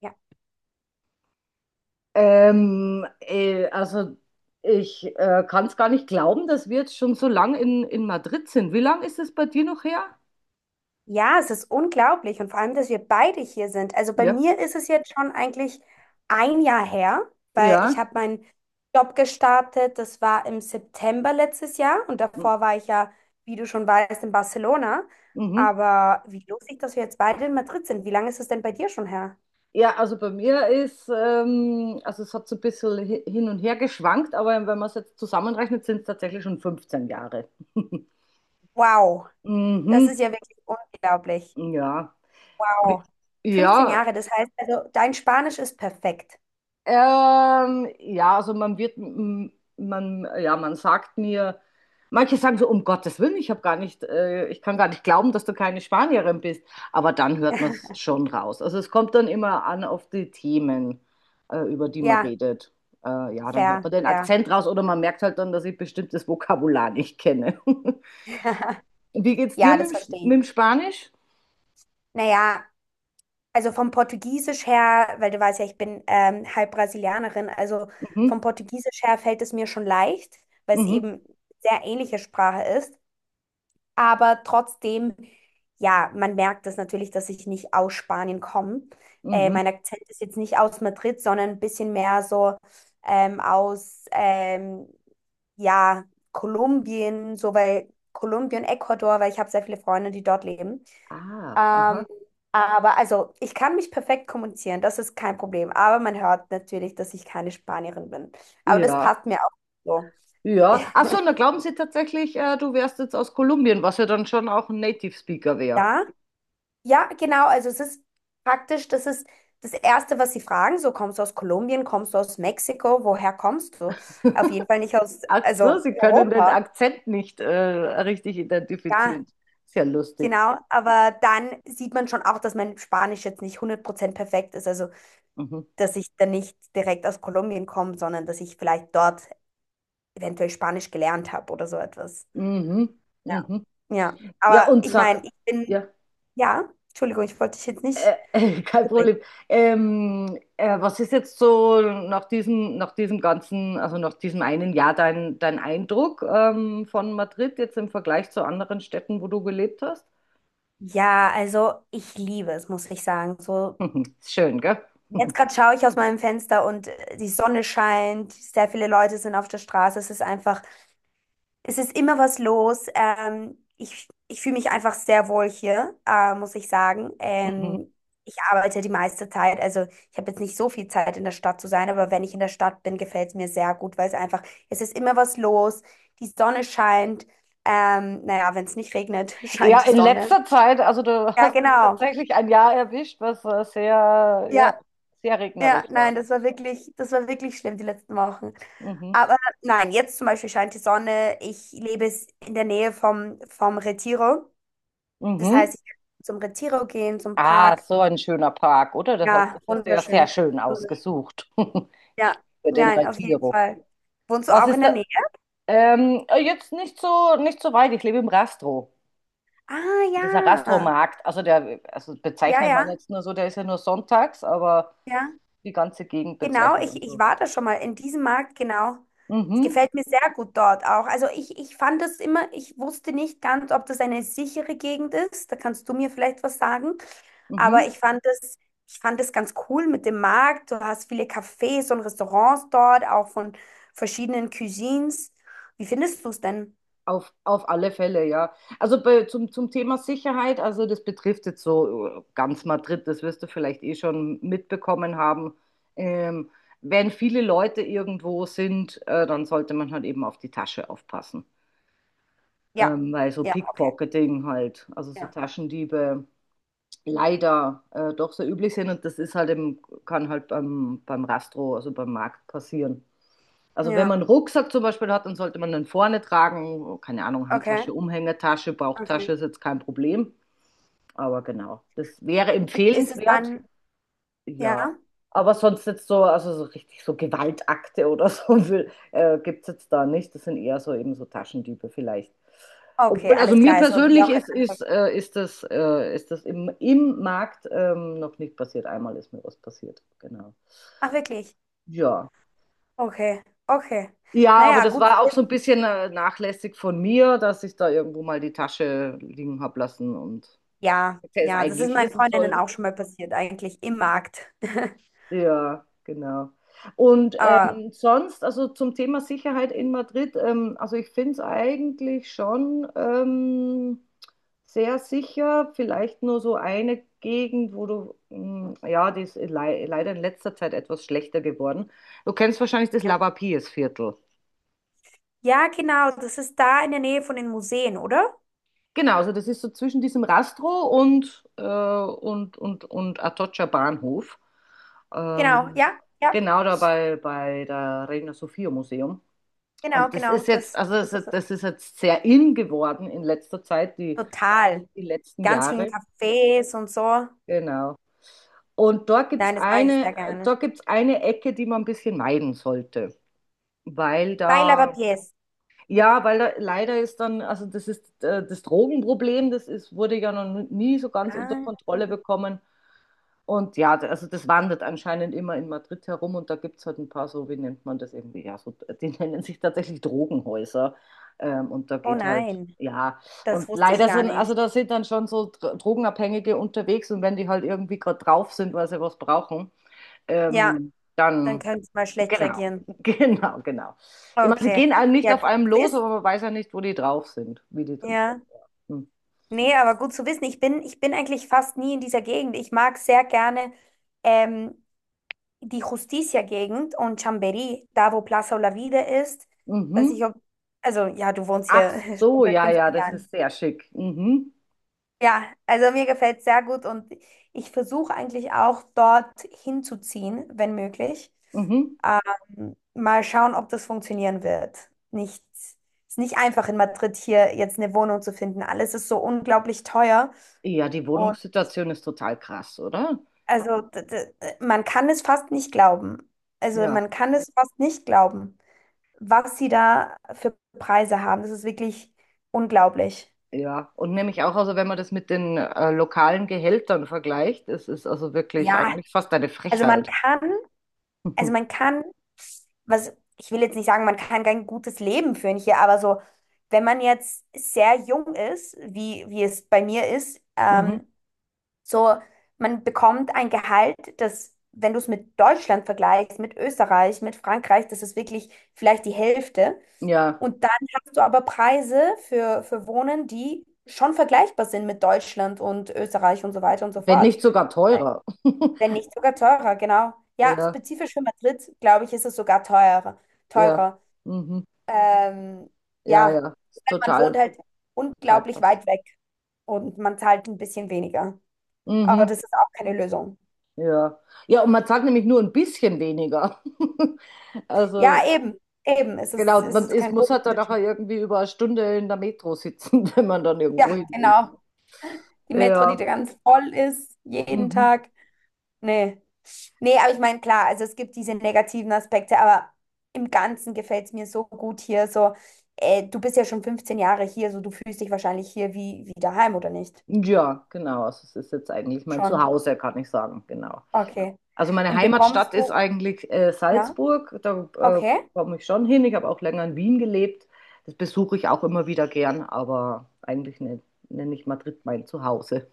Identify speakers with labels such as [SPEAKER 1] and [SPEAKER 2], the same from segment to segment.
[SPEAKER 1] Ja,
[SPEAKER 2] Also ich kann es gar nicht glauben, dass wir jetzt schon so lang in Madrid sind. Wie lang ist es bei dir noch her?
[SPEAKER 1] Ja, es ist unglaublich und vor allem, dass wir beide hier sind. Also bei
[SPEAKER 2] Ja.
[SPEAKER 1] mir ist es jetzt schon eigentlich ein Jahr her, weil ich
[SPEAKER 2] Ja.
[SPEAKER 1] habe meinen Job gestartet. Das war im September letztes Jahr und
[SPEAKER 2] Hm.
[SPEAKER 1] davor war ich ja, wie du schon weißt, in Barcelona.
[SPEAKER 2] Mhm.
[SPEAKER 1] Aber wie lustig, dass wir jetzt beide in Madrid sind. Wie lange ist es denn bei dir schon her?
[SPEAKER 2] Ja, also bei mir ist, also es hat so ein bisschen hin und her geschwankt, aber wenn man es jetzt zusammenrechnet, sind es tatsächlich schon 15 Jahre.
[SPEAKER 1] Wow, das
[SPEAKER 2] Mhm.
[SPEAKER 1] ist ja wirklich unglaublich.
[SPEAKER 2] Ja. Wie-
[SPEAKER 1] Wow, 15
[SPEAKER 2] Ja,
[SPEAKER 1] Jahre, das heißt also, dein Spanisch ist perfekt.
[SPEAKER 2] Ja, also man wird, m- man, ja, man sagt mir, manche sagen so, um Gottes Willen, ich kann gar nicht glauben, dass du keine Spanierin bist. Aber dann hört man es schon raus. Also es kommt dann immer an auf die Themen, über die man
[SPEAKER 1] Ja,
[SPEAKER 2] redet. Ja, dann hört man
[SPEAKER 1] fair,
[SPEAKER 2] den
[SPEAKER 1] fair.
[SPEAKER 2] Akzent raus oder man merkt halt dann, dass ich bestimmtes Vokabular nicht kenne. Wie geht's dir
[SPEAKER 1] Ja,
[SPEAKER 2] mit
[SPEAKER 1] das
[SPEAKER 2] dem, Sp-
[SPEAKER 1] verstehe
[SPEAKER 2] mit
[SPEAKER 1] ich.
[SPEAKER 2] dem Spanisch?
[SPEAKER 1] Naja, also vom Portugiesisch her, weil du weißt ja, ich bin halb Brasilianerin, also
[SPEAKER 2] Mhm,
[SPEAKER 1] vom Portugiesisch her fällt es mir schon leicht, weil es
[SPEAKER 2] mhm,
[SPEAKER 1] eben sehr ähnliche Sprache ist. Aber trotzdem, ja, man merkt es natürlich, dass ich nicht aus Spanien komme.
[SPEAKER 2] mhm.
[SPEAKER 1] Mein Akzent ist jetzt nicht aus Madrid, sondern ein bisschen mehr so aus, ja, Kolumbien, so bei Kolumbien, Ecuador, weil ich habe sehr viele Freunde, die dort leben.
[SPEAKER 2] Ah,
[SPEAKER 1] Ähm,
[SPEAKER 2] aha.
[SPEAKER 1] aber also, ich kann mich perfekt kommunizieren, das ist kein Problem. Aber man hört natürlich, dass ich keine Spanierin bin. Aber das
[SPEAKER 2] Ja.
[SPEAKER 1] passt mir auch so.
[SPEAKER 2] Ja. Ach so, und da glauben sie tatsächlich, du wärst jetzt aus Kolumbien, was ja dann schon auch ein Native Speaker wäre.
[SPEAKER 1] Ja, ja, genau. Also es ist praktisch, das ist das Erste, was sie fragen. So, kommst du aus Kolumbien, kommst du aus Mexiko, woher kommst du? Auf jeden Fall nicht aus,
[SPEAKER 2] Ach so,
[SPEAKER 1] also
[SPEAKER 2] sie können den
[SPEAKER 1] Europa.
[SPEAKER 2] Akzent nicht richtig
[SPEAKER 1] Ja,
[SPEAKER 2] identifizieren. Sehr lustig.
[SPEAKER 1] genau. Aber dann sieht man schon auch, dass mein Spanisch jetzt nicht 100% perfekt ist. Also,
[SPEAKER 2] Mhm.
[SPEAKER 1] dass ich dann nicht direkt aus Kolumbien komme, sondern dass ich vielleicht dort eventuell Spanisch gelernt habe oder so etwas.
[SPEAKER 2] Mhm.
[SPEAKER 1] Ja.
[SPEAKER 2] Mhm.
[SPEAKER 1] Ja,
[SPEAKER 2] Ja,
[SPEAKER 1] aber ich meine,
[SPEAKER 2] ja,
[SPEAKER 1] ja, Entschuldigung, ich wollte dich jetzt
[SPEAKER 2] äh,
[SPEAKER 1] nicht
[SPEAKER 2] kein
[SPEAKER 1] unterbrechen.
[SPEAKER 2] Problem. Was ist jetzt so nach diesem einen Jahr dein Eindruck von Madrid jetzt im Vergleich zu anderen Städten, wo du gelebt hast?
[SPEAKER 1] Ja, also ich liebe es, muss ich sagen. So,
[SPEAKER 2] Mhm. Ist schön, gell?
[SPEAKER 1] jetzt gerade schaue ich aus meinem Fenster und die Sonne scheint, sehr viele Leute sind auf der Straße. Es ist immer was los. Ich fühle mich einfach sehr wohl hier, muss ich sagen.
[SPEAKER 2] Mhm.
[SPEAKER 1] Ich arbeite die meiste Zeit. Also ich habe jetzt nicht so viel Zeit in der Stadt zu sein, aber wenn ich in der Stadt bin, gefällt es mir sehr gut, weil es einfach, es ist immer was los. Die Sonne scheint. Naja, wenn es nicht regnet,
[SPEAKER 2] Ja,
[SPEAKER 1] scheint die
[SPEAKER 2] in
[SPEAKER 1] Sonne.
[SPEAKER 2] letzter Zeit, also du
[SPEAKER 1] Ja,
[SPEAKER 2] hast jetzt
[SPEAKER 1] genau.
[SPEAKER 2] tatsächlich ein Jahr erwischt, was
[SPEAKER 1] Ja,
[SPEAKER 2] sehr
[SPEAKER 1] ja,
[SPEAKER 2] regnerisch war.
[SPEAKER 1] nein, das war wirklich schlimm die letzten Wochen.
[SPEAKER 2] Mhm.
[SPEAKER 1] Aber nein, jetzt zum Beispiel scheint die Sonne. Ich lebe es in der Nähe vom Retiro. Das
[SPEAKER 2] Mhm.
[SPEAKER 1] heißt, ich kann zum Retiro gehen, zum
[SPEAKER 2] Ah,
[SPEAKER 1] Park.
[SPEAKER 2] so ein schöner Park, oder?
[SPEAKER 1] Ja,
[SPEAKER 2] Das hast du ja sehr
[SPEAKER 1] wunderschön.
[SPEAKER 2] schön
[SPEAKER 1] Wunderschön.
[SPEAKER 2] ausgesucht
[SPEAKER 1] Ja,
[SPEAKER 2] für den
[SPEAKER 1] nein, auf jeden
[SPEAKER 2] Retiro.
[SPEAKER 1] Fall. Wohnst du
[SPEAKER 2] Was
[SPEAKER 1] auch in
[SPEAKER 2] ist
[SPEAKER 1] der
[SPEAKER 2] da?
[SPEAKER 1] Nähe?
[SPEAKER 2] Jetzt nicht so weit. Ich lebe im Rastro.
[SPEAKER 1] Ah,
[SPEAKER 2] Dieser
[SPEAKER 1] ja.
[SPEAKER 2] Rastromarkt, also
[SPEAKER 1] Ja,
[SPEAKER 2] bezeichnet man
[SPEAKER 1] ja,
[SPEAKER 2] jetzt nur so, der ist ja nur sonntags, aber
[SPEAKER 1] ja.
[SPEAKER 2] die ganze Gegend
[SPEAKER 1] Genau,
[SPEAKER 2] bezeichnet man
[SPEAKER 1] ich
[SPEAKER 2] so.
[SPEAKER 1] war da schon mal in diesem Markt, genau. Es
[SPEAKER 2] Mhm.
[SPEAKER 1] gefällt mir sehr gut dort auch. Also ich fand das immer, ich wusste nicht ganz, ob das eine sichere Gegend ist. Da kannst du mir vielleicht was sagen. Aber
[SPEAKER 2] Mhm.
[SPEAKER 1] ich fand es ganz cool mit dem Markt. Du hast viele Cafés und Restaurants dort, auch von verschiedenen Cuisines. Wie findest du es denn?
[SPEAKER 2] Auf alle Fälle, ja. Also zum Thema Sicherheit, also das betrifft jetzt so ganz Madrid, das wirst du vielleicht eh schon mitbekommen haben. Ähm, Wenn viele Leute irgendwo sind, dann sollte man halt eben auf die Tasche aufpassen.
[SPEAKER 1] Ja,
[SPEAKER 2] Weil so
[SPEAKER 1] ja, okay.
[SPEAKER 2] Pickpocketing halt, also so
[SPEAKER 1] Ja.
[SPEAKER 2] Taschendiebe leider doch sehr üblich sind und das ist halt im, kann halt beim Rastro, also beim Markt passieren. Also wenn man
[SPEAKER 1] Ja,
[SPEAKER 2] einen Rucksack zum Beispiel hat, dann sollte man den vorne tragen. Keine Ahnung,
[SPEAKER 1] okay,
[SPEAKER 2] Handtasche, Umhängetasche, Bauchtasche
[SPEAKER 1] okay.
[SPEAKER 2] ist jetzt kein Problem. Aber genau, das wäre
[SPEAKER 1] Ist es
[SPEAKER 2] empfehlenswert.
[SPEAKER 1] dann,
[SPEAKER 2] Ja.
[SPEAKER 1] ja?
[SPEAKER 2] Aber sonst jetzt so, also so richtig so Gewaltakte oder gibt es jetzt da nicht. Das sind eher so eben so Taschendiebe vielleicht.
[SPEAKER 1] Okay,
[SPEAKER 2] Obwohl, also
[SPEAKER 1] alles
[SPEAKER 2] mir
[SPEAKER 1] klar, also wie
[SPEAKER 2] persönlich
[SPEAKER 1] auch in
[SPEAKER 2] ist,
[SPEAKER 1] anderen.
[SPEAKER 2] ist, äh, ist das, äh, ist das im Markt noch nicht passiert. Einmal ist mir was passiert. Genau.
[SPEAKER 1] Ach, wirklich?
[SPEAKER 2] Ja.
[SPEAKER 1] Okay, okay.
[SPEAKER 2] Ja, aber
[SPEAKER 1] Naja,
[SPEAKER 2] das
[SPEAKER 1] gut zu
[SPEAKER 2] war auch so ein
[SPEAKER 1] wissen.
[SPEAKER 2] bisschen nachlässig von mir, dass ich da irgendwo mal die Tasche liegen habe lassen und
[SPEAKER 1] Ja,
[SPEAKER 2] hätte es
[SPEAKER 1] ja, das ist
[SPEAKER 2] eigentlich
[SPEAKER 1] meinen
[SPEAKER 2] wissen
[SPEAKER 1] Freundinnen
[SPEAKER 2] sollen.
[SPEAKER 1] auch schon mal passiert, eigentlich im Markt.
[SPEAKER 2] Ja, genau. Und
[SPEAKER 1] Aber,
[SPEAKER 2] sonst, also zum Thema Sicherheit in Madrid, also ich finde es eigentlich schon sehr sicher. Vielleicht nur so eine Gegend, wo du, ja, die ist le leider in letzter Zeit etwas schlechter geworden. Du kennst wahrscheinlich das
[SPEAKER 1] ja.
[SPEAKER 2] Lavapiés-Viertel.
[SPEAKER 1] Ja, genau, das ist da in der Nähe von den Museen, oder?
[SPEAKER 2] Genau, also das ist so zwischen diesem Rastro und Atocha Bahnhof.
[SPEAKER 1] Genau,
[SPEAKER 2] Ähm,
[SPEAKER 1] ja, ja.
[SPEAKER 2] genau da bei der Reina Sofia Museum.
[SPEAKER 1] Genau,
[SPEAKER 2] Und
[SPEAKER 1] genau, das, das ist es.
[SPEAKER 2] das ist jetzt sehr in geworden in letzter Zeit, die,
[SPEAKER 1] Total.
[SPEAKER 2] die letzten
[SPEAKER 1] Ganz vielen
[SPEAKER 2] Jahre.
[SPEAKER 1] Cafés und so.
[SPEAKER 2] Genau. Und
[SPEAKER 1] Nein, das mag ich sehr gerne.
[SPEAKER 2] dort gibt's eine Ecke, die man ein bisschen meiden sollte. Weil
[SPEAKER 1] Baila
[SPEAKER 2] da,
[SPEAKER 1] Papiers.
[SPEAKER 2] ja, Weil da leider ist dann, das Drogenproblem, wurde ja noch nie so ganz unter
[SPEAKER 1] Ah,
[SPEAKER 2] Kontrolle bekommen. Und ja, also das wandert anscheinend immer in Madrid herum und da gibt es halt ein paar so, wie nennt man das irgendwie? Ja, so, die nennen sich tatsächlich Drogenhäuser. Und da
[SPEAKER 1] oh
[SPEAKER 2] geht halt,
[SPEAKER 1] nein,
[SPEAKER 2] ja,
[SPEAKER 1] das
[SPEAKER 2] und
[SPEAKER 1] wusste ich
[SPEAKER 2] leider
[SPEAKER 1] gar
[SPEAKER 2] sind, also
[SPEAKER 1] nicht.
[SPEAKER 2] da sind dann schon so Drogenabhängige unterwegs und wenn die halt irgendwie gerade drauf sind, weil sie was brauchen,
[SPEAKER 1] Ja, dann
[SPEAKER 2] dann,
[SPEAKER 1] könnte ich mal schlecht
[SPEAKER 2] genau,
[SPEAKER 1] reagieren.
[SPEAKER 2] genau, genau. Ich meine, sie
[SPEAKER 1] Okay,
[SPEAKER 2] gehen einem nicht
[SPEAKER 1] ja,
[SPEAKER 2] auf
[SPEAKER 1] gut
[SPEAKER 2] einem
[SPEAKER 1] zu
[SPEAKER 2] los,
[SPEAKER 1] wissen.
[SPEAKER 2] aber man weiß ja nicht, wo die drauf sind, wie die.
[SPEAKER 1] Ja, nee, aber gut zu wissen. Ich bin eigentlich fast nie in dieser Gegend. Ich mag sehr gerne ähm, die Justicia-Gegend und Chambéry, da wo Plaza Olavide ist. Weiß
[SPEAKER 2] Mhm.
[SPEAKER 1] ich, ob, also ja, du wohnst
[SPEAKER 2] Ach
[SPEAKER 1] hier schon
[SPEAKER 2] so,
[SPEAKER 1] seit
[SPEAKER 2] ja, ja,
[SPEAKER 1] 15
[SPEAKER 2] das ist
[SPEAKER 1] Jahren.
[SPEAKER 2] sehr schick. Mhm.
[SPEAKER 1] Ja, also mir gefällt es sehr gut und ich versuche eigentlich auch dort hinzuziehen, wenn möglich.
[SPEAKER 2] Mhm.
[SPEAKER 1] Mal schauen, ob das funktionieren wird. Nicht, ist nicht einfach in Madrid hier jetzt eine Wohnung zu finden. Alles ist so unglaublich teuer
[SPEAKER 2] Ja, die
[SPEAKER 1] und
[SPEAKER 2] Wohnungssituation ist total krass, oder?
[SPEAKER 1] also d- d- man kann es fast nicht glauben. Also
[SPEAKER 2] Ja,
[SPEAKER 1] man kann es fast nicht glauben, was sie da für Preise haben. Das ist wirklich unglaublich.
[SPEAKER 2] ja. Und nämlich auch, also wenn man das mit den lokalen Gehältern vergleicht, es ist also wirklich
[SPEAKER 1] Ja,
[SPEAKER 2] eigentlich fast eine
[SPEAKER 1] also man
[SPEAKER 2] Frechheit.
[SPEAKER 1] kann Also man kann, was, ich will jetzt nicht sagen, man kann kein gutes Leben führen hier, aber so, wenn man jetzt sehr jung ist, wie es bei mir ist,
[SPEAKER 2] Mhm.
[SPEAKER 1] so, man bekommt ein Gehalt, das, wenn du es mit Deutschland vergleichst, mit Österreich, mit Frankreich, das ist wirklich vielleicht die Hälfte.
[SPEAKER 2] Ja,
[SPEAKER 1] Und dann hast du aber Preise für Wohnen, die schon vergleichbar sind mit Deutschland und Österreich und so weiter und so
[SPEAKER 2] wenn
[SPEAKER 1] fort.
[SPEAKER 2] nicht sogar teurer.
[SPEAKER 1] Wenn nicht sogar teurer, genau. Ja,
[SPEAKER 2] Ja,
[SPEAKER 1] spezifisch für Madrid, glaube ich, ist es sogar teurer.
[SPEAKER 2] ja.
[SPEAKER 1] Teurer.
[SPEAKER 2] Mhm.
[SPEAKER 1] Ähm,
[SPEAKER 2] Ja,
[SPEAKER 1] ja,
[SPEAKER 2] ja. Ist
[SPEAKER 1] weil man wohnt
[SPEAKER 2] total,
[SPEAKER 1] halt
[SPEAKER 2] total
[SPEAKER 1] unglaublich
[SPEAKER 2] krass.
[SPEAKER 1] weit weg und man zahlt ein bisschen weniger. Aber
[SPEAKER 2] Mhm.
[SPEAKER 1] das ist auch keine Lösung.
[SPEAKER 2] Ja. Ja, und man zahlt nämlich nur ein bisschen weniger. Also,
[SPEAKER 1] Ja, eben, eben.
[SPEAKER 2] genau,
[SPEAKER 1] Es ist kein
[SPEAKER 2] muss
[SPEAKER 1] großer
[SPEAKER 2] halt dann nachher
[SPEAKER 1] Unterschied.
[SPEAKER 2] irgendwie über eine Stunde in der Metro sitzen, wenn man dann
[SPEAKER 1] Ja,
[SPEAKER 2] irgendwo hin will.
[SPEAKER 1] genau. Die Metro, die
[SPEAKER 2] Ja.
[SPEAKER 1] ganz voll ist, jeden
[SPEAKER 2] Mhm.
[SPEAKER 1] Tag. Nee. Nee, aber ich meine, klar, also es gibt diese negativen Aspekte, aber im Ganzen gefällt es mir so gut hier. So, du bist ja schon 15 Jahre hier, so du fühlst dich wahrscheinlich hier wie daheim, oder nicht?
[SPEAKER 2] Ja, genau. Also es ist jetzt eigentlich mein
[SPEAKER 1] Schon.
[SPEAKER 2] Zuhause, kann ich sagen. Genau.
[SPEAKER 1] Okay.
[SPEAKER 2] Also meine
[SPEAKER 1] Und bekommst
[SPEAKER 2] Heimatstadt ist
[SPEAKER 1] du,
[SPEAKER 2] eigentlich
[SPEAKER 1] ja?
[SPEAKER 2] Salzburg. Da
[SPEAKER 1] Okay,
[SPEAKER 2] komme ich schon hin. Ich habe auch länger in Wien gelebt. Das besuche ich auch immer wieder gern, aber eigentlich nenne ich Madrid mein Zuhause.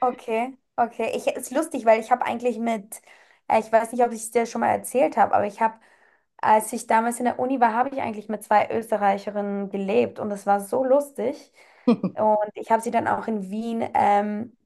[SPEAKER 1] okay. Ich, ist lustig, weil ich habe eigentlich mit, ich weiß nicht, ob ich es dir schon mal erzählt habe, aber als ich damals in der Uni war, habe ich eigentlich mit zwei Österreicherinnen gelebt und es war so lustig. Und ich habe sie dann auch in Wien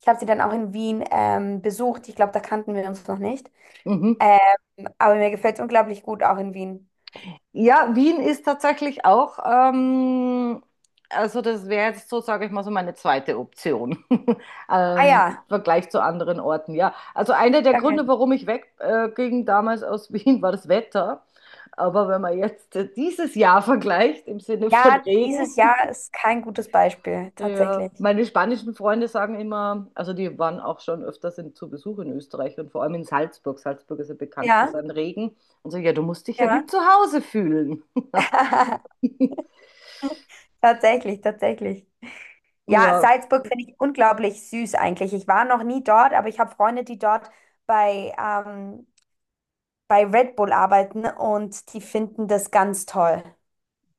[SPEAKER 1] Ich habe sie dann auch in Wien besucht. Ich glaube, da kannten wir uns noch nicht.
[SPEAKER 2] Mhm.
[SPEAKER 1] Ähm, aber mir gefällt es unglaublich gut, auch in Wien.
[SPEAKER 2] Ja, Wien ist tatsächlich auch, also das wäre jetzt so, sage ich mal, so meine zweite Option
[SPEAKER 1] Ah
[SPEAKER 2] im
[SPEAKER 1] ja,
[SPEAKER 2] Vergleich zu anderen Orten. Ja, also einer der
[SPEAKER 1] okay.
[SPEAKER 2] Gründe, warum ich wegging damals aus Wien, war das Wetter. Aber wenn man jetzt dieses Jahr vergleicht im Sinne von
[SPEAKER 1] Ja,
[SPEAKER 2] Regen,
[SPEAKER 1] dieses Jahr ist kein gutes Beispiel,
[SPEAKER 2] ja,
[SPEAKER 1] tatsächlich.
[SPEAKER 2] meine spanischen Freunde sagen immer, also die waren auch schon öfters zu Besuch in Österreich und vor allem in Salzburg. Salzburg ist ja bekannt für
[SPEAKER 1] Ja,
[SPEAKER 2] seinen Regen. Und so, ja, du musst dich ja wie
[SPEAKER 1] ja.
[SPEAKER 2] zu Hause fühlen.
[SPEAKER 1] Tatsächlich, tatsächlich. Ja,
[SPEAKER 2] Ja,
[SPEAKER 1] Salzburg finde ich unglaublich süß eigentlich. Ich war noch nie dort, aber ich habe Freunde, die dort bei, ähm, bei Red Bull arbeiten und die finden das ganz toll.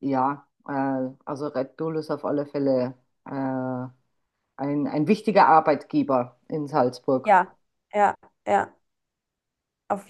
[SPEAKER 2] ja, also Red Bull ist auf alle Fälle äh, ein, ein wichtiger Arbeitgeber in Salzburg.
[SPEAKER 1] Ja, ja, ja, auf